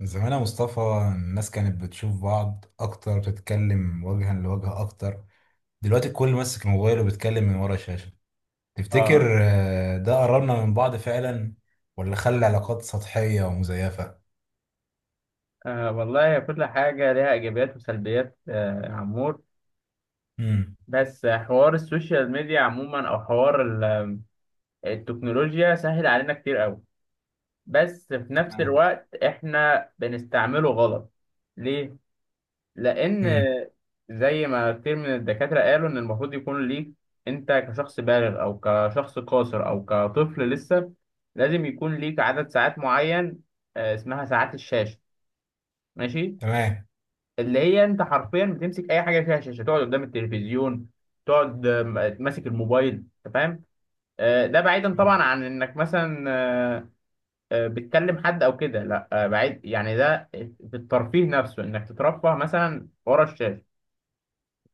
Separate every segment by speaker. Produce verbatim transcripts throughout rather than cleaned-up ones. Speaker 1: زمان يا مصطفى. الناس كانت بتشوف بعض اكتر، بتتكلم وجها لوجه اكتر. دلوقتي الكل ماسك موبايله وبيتكلم من ورا الشاشة.
Speaker 2: اه.
Speaker 1: تفتكر آه، ده قربنا من بعض فعلا ولا خلى علاقات سطحية ومزيفة؟
Speaker 2: آه، والله كل حاجة ليها إيجابيات وسلبيات آه، يا عمور.
Speaker 1: امم.
Speaker 2: بس حوار السوشيال ميديا عموما أو حوار ال- التكنولوجيا سهل علينا كتير أوي. بس في نفس
Speaker 1: تمام.
Speaker 2: الوقت إحنا بنستعمله غلط. ليه؟ لأن
Speaker 1: امم.
Speaker 2: زي ما كتير من الدكاترة قالوا إن المفروض يكون ليك، أنت كشخص بالغ أو كشخص قاصر أو كطفل لسه، لازم يكون ليك عدد ساعات معين. آه، اسمها ساعات الشاشة. ماشي؟
Speaker 1: تمام.
Speaker 2: اللي هي انت حرفيا بتمسك اي حاجه فيها شاشه، تقعد قدام التلفزيون، تقعد آه، ماسك الموبايل، انت فاهم. آه، ده بعيدا طبعا
Speaker 1: مم.
Speaker 2: عن انك مثلا آه، آه، بتكلم حد او كده، لا، آه، بعيد يعني. ده في الترفيه نفسه انك تترفه مثلا ورا الشاشه.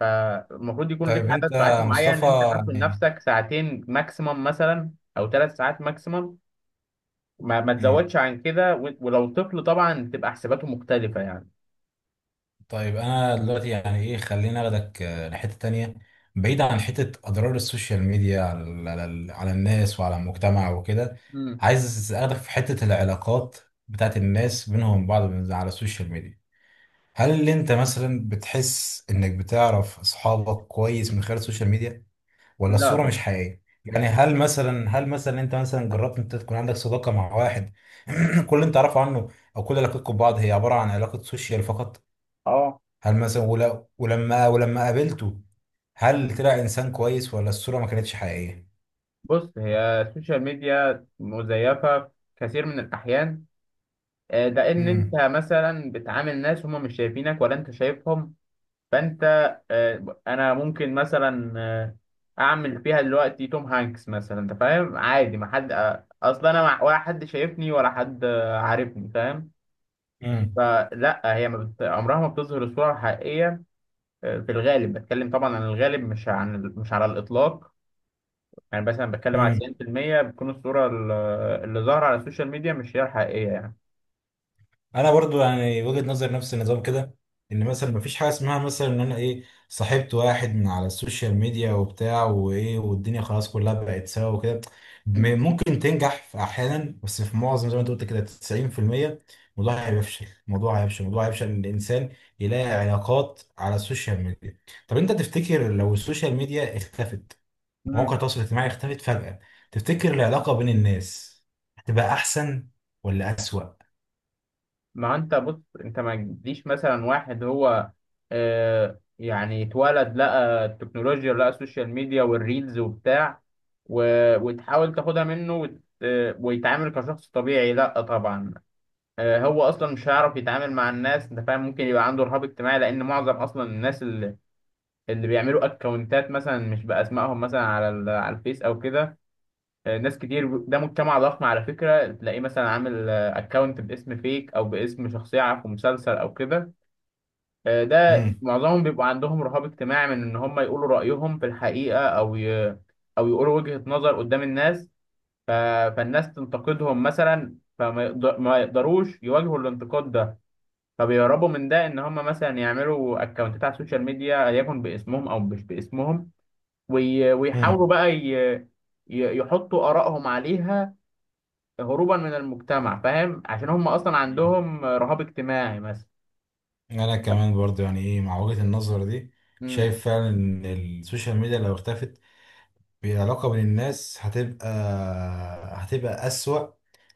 Speaker 2: فالمفروض يكون لك
Speaker 1: طيب انت
Speaker 2: عدد ساعات
Speaker 1: يا
Speaker 2: معين
Speaker 1: مصطفى
Speaker 2: انت حاطه
Speaker 1: يعني-
Speaker 2: لنفسك، ساعتين ماكسيمم مثلا او ثلاث ساعات ماكسيمم، ما, ما
Speaker 1: مم.
Speaker 2: تزودش عن كده و- ولو طفل طبعا تبقى حساباته مختلفه يعني.
Speaker 1: طيب انا دلوقتي يعني ايه، خليني اخدك آه، لحته تانية، بعيد عن حته اضرار السوشيال ميديا على على على الناس وعلى المجتمع وكده.
Speaker 2: مم.
Speaker 1: عايز اخدك في حته العلاقات بتاعت الناس بينهم بعض من- على السوشيال ميديا. هل انت مثلا بتحس انك بتعرف اصحابك كويس من خلال السوشيال ميديا ولا
Speaker 2: لا
Speaker 1: الصوره مش
Speaker 2: طبعا.
Speaker 1: حقيقيه؟ يعني هل مثلا هل مثلا انت مثلا جربت انت تكون عندك صداقه مع واحد كل اللي انت تعرفه عنه او كل علاقتكم ببعض هي عباره عن علاقه سوشيال فقط؟
Speaker 2: اه.
Speaker 1: هل مثلا ول- ولما ولما قابلته، هل طلع انسان كويس ولا الصورة ما كانتش حقيقية؟
Speaker 2: بص، هي السوشيال ميديا مزيفة في كثير من الأحيان. آه، ده إن أنت
Speaker 1: امم.
Speaker 2: مثلا بتعامل ناس هما مش شايفينك ولا أنت شايفهم، فأنت آه، أنا ممكن مثلا آه، أعمل فيها دلوقتي توم هانكس مثلا، أنت فاهم، عادي، ما حد آه، أصلا، أنا مع- ولا حد شايفني ولا حد آه، عارفني، فاهم. فلا، هي ما بت... عمرها ما بتظهر الصورة الحقيقية. آه، في الغالب، بتكلم طبعا عن الغالب، مش عن مش على الإطلاق. يعني مثلا بتكلم على
Speaker 1: امم.
Speaker 2: تسعين بالمية بتكون الصورة ال- اللي ظاهرة على السوشيال ميديا مش هي الحقيقية يعني.
Speaker 1: انا برضو يعني وجهة نظر نفس النظام كده، ان مثلا مفيش حاجه اسمها مثلا ان انا ايه صاحبت واحد من على السوشيال ميديا وبتاع وايه والدنيا خلاص كلها بقت سوا وكده.
Speaker 2: مم.
Speaker 1: م- ممكن تنجح في احيانا، بس في معظم زي ما انت قلت كده تسعين في المية، الموضوع هيفشل. الموضوع هيفشل الموضوع هيفشل ان الانسان يلاقي علاقات على السوشيال ميديا. طب انت تفتكر لو السوشيال ميديا اختفت، مواقع
Speaker 2: مم.
Speaker 1: التواصل الاجتماعي اختفت فجأة، تفتكر العلاقه بين الناس هتبقى احسن ولا اسوأ؟
Speaker 2: ما انت بص، انت ما تجيش مثلا واحد هو آه يعني اتولد لقى التكنولوجيا لقى السوشيال ميديا والريلز وبتاع، و... وتحاول تاخدها منه، وت... آه، ويتعامل كشخص طبيعي، لا طبعا. آه هو اصلا مش هيعرف يتعامل مع الناس، انت فاهم، ممكن يبقى عنده رهاب اجتماعي، لان معظم اصلا الناس اللي, اللي بيعملوا اكونتات مثلا مش باسمائهم مثلا على ال... على الفيس او كده. آه، ناس كتير، ده مجتمع ضخم على فكرة، تلاقيه مثلا عامل اكونت باسم فيك او باسم شخصية في مسلسل او كده. آه، ده
Speaker 1: امم.
Speaker 2: معظمهم بيبقوا عندهم رهاب اجتماعي من ان هم يقولوا رأيهم في الحقيقة او ي... او يقولوا وجهة نظر قدام الناس. آه، فالناس تنتقدهم مثلا، فما يقدر... ما يقدروش يواجهوا الانتقاد ده. فبيهربوا من ده ان هم مثلا يعملوا اكونتات على السوشيال ميديا يكن باسمهم او مش باسمهم، وي... ويحاولوا
Speaker 1: امم.
Speaker 2: بقى ي... ي- يحطوا آرائهم عليها هروبا من المجتمع، فاهم، عشان هم اصلا
Speaker 1: مم.
Speaker 2: عندهم رهاب اجتماعي مثلا.
Speaker 1: انا كمان برضو يعني ايه مع وجهة النظر دي.
Speaker 2: امم.
Speaker 1: شايف فعلا ان السوشيال ميديا لو اختفت، العلاقة بين الناس هتبقى هتبقى أسوأ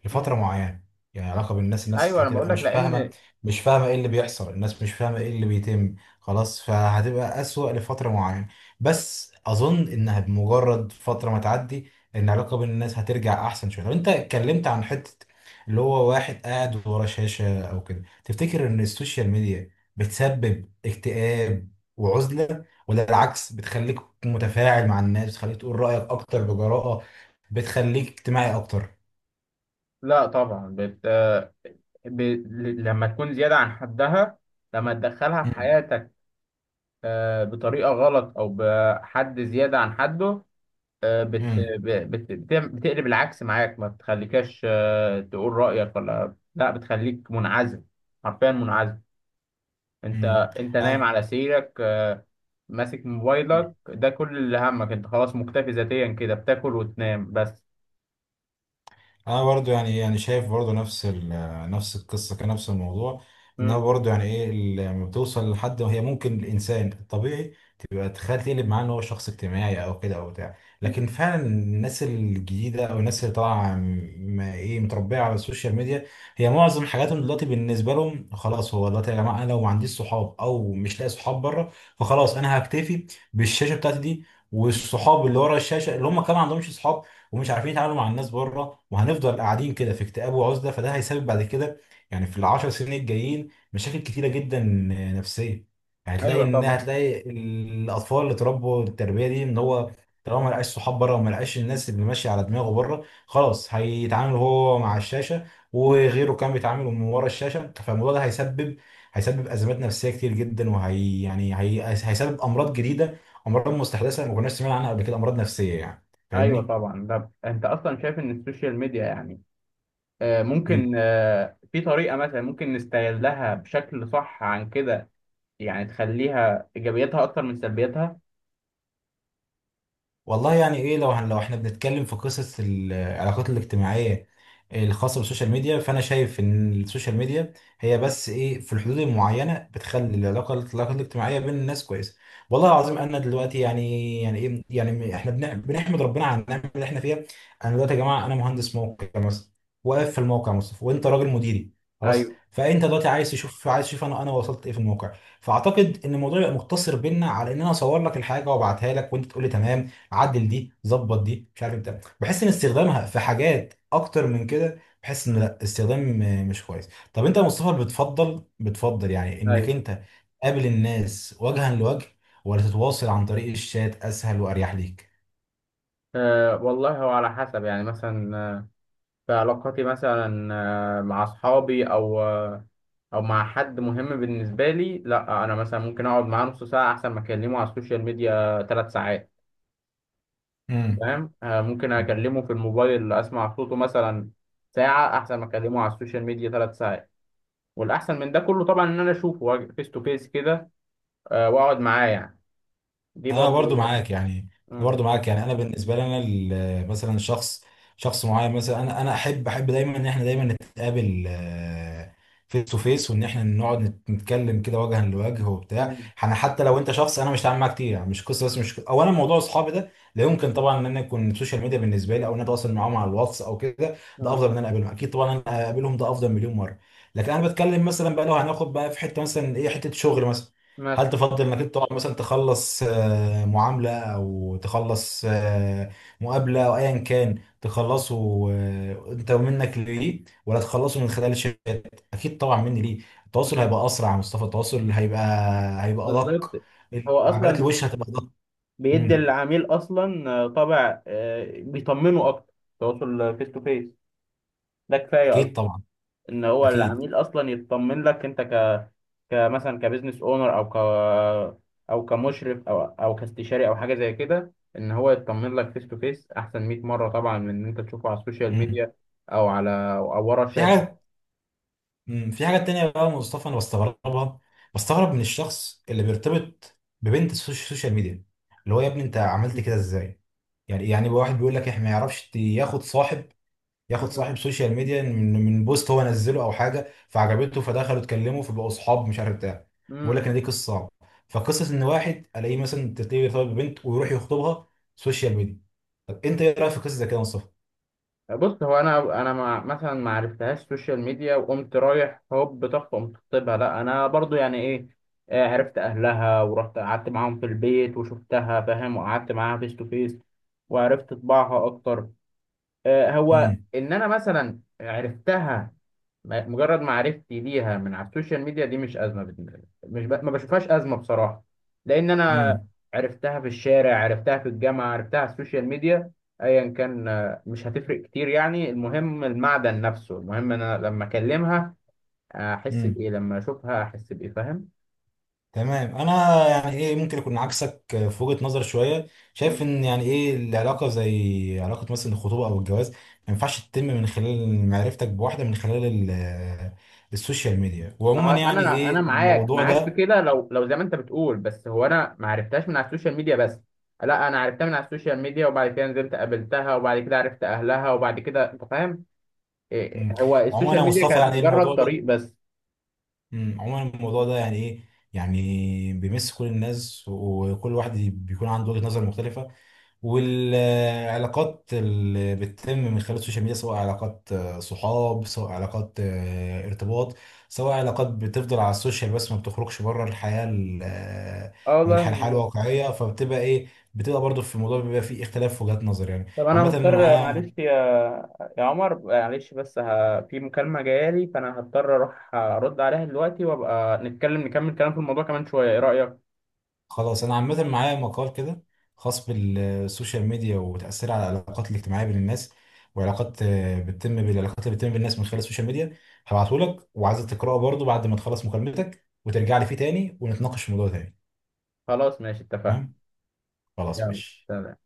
Speaker 1: لفترة
Speaker 2: امم.
Speaker 1: معينة. يعني العلاقة بين الناس الناس
Speaker 2: ايوه، انا بقول
Speaker 1: هتبقى
Speaker 2: لك
Speaker 1: مش فاهمة،
Speaker 2: لان.
Speaker 1: مش فاهمة ايه اللي بيحصل، الناس مش فاهمة ايه اللي بيتم. خلاص، فهتبقى أسوأ لفترة معينة، بس أظن إنها بمجرد فترة ما تعدي إن العلاقة بين الناس هترجع أحسن شوية. طب أنت اتكلمت عن حتة اللي هو واحد قاعد ورا شاشة أو كده. تفتكر إن السوشيال ميديا بتسبب اكتئاب وعزلة، ولا العكس بتخليك متفاعل مع الناس، بتخليك تقول رأيك أكتر بجراءة، بتخليك اجتماعي أكتر؟
Speaker 2: لا طبعا بت... ب... لما تكون زياده عن حدها، لما تدخلها في
Speaker 1: مم.
Speaker 2: حياتك آه، بطريقه غلط او بحد زياده عن حده، آه، بت...
Speaker 1: مم.
Speaker 2: ب- بت... بتعم- بتقلب العكس معاك، ما بتخليكش آه، تقول رايك ولا لا، بتخليك منعزل، حرفيا منعزل. انت
Speaker 1: مم.
Speaker 2: انت نايم
Speaker 1: أنا
Speaker 2: على سريرك آه، ماسك موبايلك، ده كل اللي همك، انت خلاص مكتفي ذاتيا كده، بتاكل وتنام بس.
Speaker 1: انا برضو يعني ايه، يعني شايف برضو نفس ال- نفس القصه، كان نفس الموضوع. انها
Speaker 2: مم.
Speaker 1: برضو يعني ايه ال- لما بتوصل لحد، هي ممكن الانسان الطبيعي تبقى تخيل تقلب معاه ان هو شخص اجتماعي او كده او بتاع. لكن
Speaker 2: مم.
Speaker 1: فعلا الناس الجديده او الناس اللي طالعه م- ايه متربيه على السوشيال ميديا، هي معظم حاجاتهم دلوقتي بالنسبه لهم خلاص. هو دلوقتي يا جماعه انا لو ما عنديش صحاب او مش لاقي صحاب بره، فخلاص انا هكتفي بالشاشه بتاعتي دي، والصحاب اللي ورا الشاشه اللي هم كمان ما عندهمش صحاب ومش عارفين يتعاملوا مع الناس بره. وهنفضل قاعدين كده في اكتئاب وعزله، فده هيسبب بعد كده يعني في العشر سنين الجايين مشاكل كتيره جدا، نفسيه. هتلاقي
Speaker 2: ايوه
Speaker 1: ان
Speaker 2: طبعا.
Speaker 1: هتلاقي الاطفال اللي اتربوا التربيه دي، ان هو طالما ما لقاش صحاب بره وما لقاش الناس اللي ماشيه على دماغه بره، خلاص هيتعامل هو مع الشاشه وغيره كان بيتعامل من ورا الشاشه. فالموضوع ده هيسبب هيسبب ازمات نفسيه كتير جدا، وهي يعني هي هيسبب امراض جديده، امراض مستحدثه ما كناش سمعنا عنها قبل كده، امراض نفسيه يعني.
Speaker 2: ايوه
Speaker 1: فاهمني؟
Speaker 2: طبعا، ده انت اصلا شايف ان السوشيال ميديا يعني آه، ممكن آه، في طريقه مثلا ممكن نستغلها بشكل صح عن كده، يعني تخليها ايجابياتها اكتر من سلبياتها.
Speaker 1: والله يعني ايه، لو هن- لو احنا بنتكلم في قصص العلاقات الاجتماعيه الخاصه بالسوشيال ميديا، فانا شايف ان السوشيال ميديا هي بس ايه، في الحدود المعينه بتخلي العلاقه العلاقه الاجتماعيه بين الناس كويسه. والله العظيم انا دلوقتي يعني، يعني ايه، يعني احنا بنح- بنحمد ربنا على النعمه اللي احنا فيها. انا دلوقتي يا جماعه، انا مهندس موقع مثلا واقف في الموقع، يا مصطفى وانت راجل مديري، خلاص.
Speaker 2: ايوه.
Speaker 1: فانت دلوقتي عايز تشوف، عايز تشوف انا انا وصلت ايه في الموقع. فاعتقد ان الموضوع يبقى مقتصر بينا على ان انا اصور لك الحاجه وابعتها لك وانت تقول لي تمام، عدل دي، ظبط دي، مش عارف بتاع. بحس ان استخدامها في حاجات اكتر من كده، بحس ان لا، استخدام آه، مش كويس. طب انت يا مصطفى بتفضل بتفضل يعني انك
Speaker 2: ايوه.
Speaker 1: انت تقابل الناس وجها لوجه، ولا تتواصل عن طريق الشات اسهل واريح ليك؟
Speaker 2: أه والله، هو على حسب، يعني مثلا آه، في علاقاتي مثلا آه، مع أصحابي أو آه، أو مع حد مهم بالنسبة لي، لأ، أنا مثلا ممكن أقعد معاه نص ساعة أحسن ما أكلمه على السوشيال ميديا ثلاث ساعات.
Speaker 1: امم.
Speaker 2: فاهم، آه، ممكن أكلمه في الموبايل أسمع صوته مثلا ساعة أحسن ما أكلمه على السوشيال ميديا ثلاث ساعات، والأحسن من ده كله طبعا إن أنا أشوفه فيس تو فيس كده، آه، وأقعد معاه يعني. دي
Speaker 1: انا برضو
Speaker 2: برضه.
Speaker 1: معاك يعني، انا
Speaker 2: مم.
Speaker 1: برضو معاك يعني انا بالنسبه لي انا ال- مثلا شخص شخص معين، مثلا انا انا احب احب دايما ان احنا دايما نتقابل فيس تو فيس، وان احنا نقعد نت- نتكلم كده وجها لوجه وبتاع.
Speaker 2: مم.
Speaker 1: انا حتى لو انت شخص انا مش هتعامل معاك كتير يعني، مش قصه بس، مش اولا موضوع اصحابي ده لا يمكن طبعا ان انا يكون السوشيال ميديا بالنسبه لي، او ان انا اتواصل معاهم على الواتس او كده ده
Speaker 2: مم.
Speaker 1: افضل من ان انا اقابلهم. اكيد طبعا، انا اقابلهم ده افضل مليون مره. لكن انا بتكلم مثلا بقى، لو هناخد بقى في حته مثلا ايه، حته شغل مثلا.
Speaker 2: مثلا.
Speaker 1: هل تفضل انك انت تقعد مثلا تخلص آه، معامله، او تخلص آه، مقابله، او ايا كان تخلصه آه، انت منك ليه، ولا تخلصه من خلال الشات؟ اكيد طبعا مني ليه. التواصل
Speaker 2: مم.
Speaker 1: هيبقى اسرع يا مصطفى، التواصل هيبقى هيبقى ادق،
Speaker 2: بالظبط. هو
Speaker 1: تعبيرات
Speaker 2: اصلا
Speaker 1: الوش هتبقى ادق.
Speaker 2: بيدي
Speaker 1: مم.
Speaker 2: العميل اصلا آه، طابع آه، بيطمنه اكتر، تواصل فيس تو فيس ده كفايه اصلا
Speaker 1: اكيد طبعا.
Speaker 2: ان هو
Speaker 1: اكيد.
Speaker 2: العميل اصلا يطمن لك انت ك كمثلا كبزنس اونر او ك او كمشرف او او كاستشاري او حاجه زي كده ان هو يطمن لك فيس تو فيس احسن مئة مره طبعا من ان انت تشوفه على السوشيال
Speaker 1: مم.
Speaker 2: ميديا او على او ورا
Speaker 1: في
Speaker 2: شاشه.
Speaker 1: حاجات. مم، في حاجة تانية بقى يا مصطفى أنا بستغربها. بستغرب من الشخص اللي بيرتبط ببنت السوش- السوشيال ميديا، اللي هو يا ابني أنت عملت كده إزاي؟ يعني يعني بقى واحد بيقول لك إحنا ما يعرفش ت- ياخد صاحب، ياخد
Speaker 2: مم.
Speaker 1: صاحب سوشيال ميديا من من بوست هو نزله أو حاجة فعجبته، فدخلوا اتكلموا فبقوا صحاب مش عارف بتاع. بيقول
Speaker 2: مم.
Speaker 1: لك إن دي قصة صعبة. فقصة إن واحد ألاقيه مثلا، تلاقيه بيرتبط ببنت ويروح يخطبها سوشيال ميديا. طب أنت إيه رأيك في قصة زي كده يا مصطفى؟
Speaker 2: بص، هو انا انا ما مثلا ما عرفتهاش سوشيال ميديا وقمت رايح هوب طخ قمت خطيبها، لا، انا برضو يعني ايه آه، عرفت اهلها ورحت قعدت معاهم في البيت وشفتها، فاهم، وقعدت معاها فيس تو فيس وعرفت طباعها اكتر. آه، هو
Speaker 1: امم.
Speaker 2: ان انا مثلا عرفتها م- مجرد معرفتي ليها من على السوشيال ميديا دي مش ازمه بالنسبه لي، مش ب... ما بشوفهاش ازمه بصراحه، لان انا عرفتها في الشارع، عرفتها في الجامعه، عرفتها على السوشيال ميديا، ايا كان آه، مش هتفرق كتير يعني، المهم المعدن نفسه، المهم انا لما اكلمها احس
Speaker 1: امم.
Speaker 2: بايه، لما اشوفها احس بايه، فاهم.
Speaker 1: تمام. انا يعني ايه ممكن اكون عكسك في وجهة نظر شويه. شايف ان يعني ايه العلاقه، زي علاقه مثلا الخطوبه او الجواز، ما ينفعش تتم من خلال معرفتك بواحده من خلال ال- آه، السوشيال ميديا،
Speaker 2: ما هو
Speaker 1: وعموما يعني
Speaker 2: انا
Speaker 1: ايه
Speaker 2: انا معاك
Speaker 1: الموضوع
Speaker 2: معاك في
Speaker 1: ده.
Speaker 2: كده، لو لو زي ما انت بتقول، بس هو انا ما عرفتهاش من على السوشيال ميديا بس، لا، انا عرفتها من على السوشيال ميديا وبعد كده نزلت قابلتها وبعد كده عرفت اهلها وبعد كده انت فاهم، إيه،
Speaker 1: مم.
Speaker 2: هو
Speaker 1: عموما
Speaker 2: السوشيال
Speaker 1: يا
Speaker 2: ميديا
Speaker 1: مصطفى يعني
Speaker 2: كانت
Speaker 1: ايه
Speaker 2: مجرد
Speaker 1: الموضوع ده.
Speaker 2: طريق بس.
Speaker 1: مم. عموما الموضوع ده يعني ايه، يعني بيمس كل الناس وكل واحد بيكون عنده وجهة نظر مختلفه. والعلاقات اللي بتتم من خلال السوشيال ميديا سواء علاقات آه، صحاب، سواء علاقات آه، ارتباط، سواء علاقات بتفضل على السوشيال بس ما بتخرجش بره الحياة ال- آه،
Speaker 2: اه والله.
Speaker 1: الح- الحياة الواقعية، فبتبقى ايه، بتبقى برضو في الموضوع بيبقى فيه اختلاف في وجهات نظر يعني.
Speaker 2: طب انا
Speaker 1: عامة
Speaker 2: مضطر
Speaker 1: معاه.
Speaker 2: معلش يا يا عمر، معلش بس ه... في مكالمة جايالي فانا هضطر اروح ارد عليها دلوقتي وابقى نتكلم نكمل كلام في الموضوع كمان شوية، ايه رأيك؟
Speaker 1: خلاص انا عامه معايا مقال كده خاص بالسوشيال ميديا وتاثيرها على العلاقات الاجتماعيه بين الناس، وعلاقات آه، بتتم بالعلاقات اللي بتتم بالناس من خلال السوشيال ميديا. هبعته لك وعايزك تقراه برضو بعد ما تخلص مكالمتك وترجع لي فيه تاني ونتناقش في الموضوع تاني.
Speaker 2: خلاص ماشي اتفقنا.
Speaker 1: تمام. خلاص
Speaker 2: يلا.
Speaker 1: ماشي.
Speaker 2: سلام.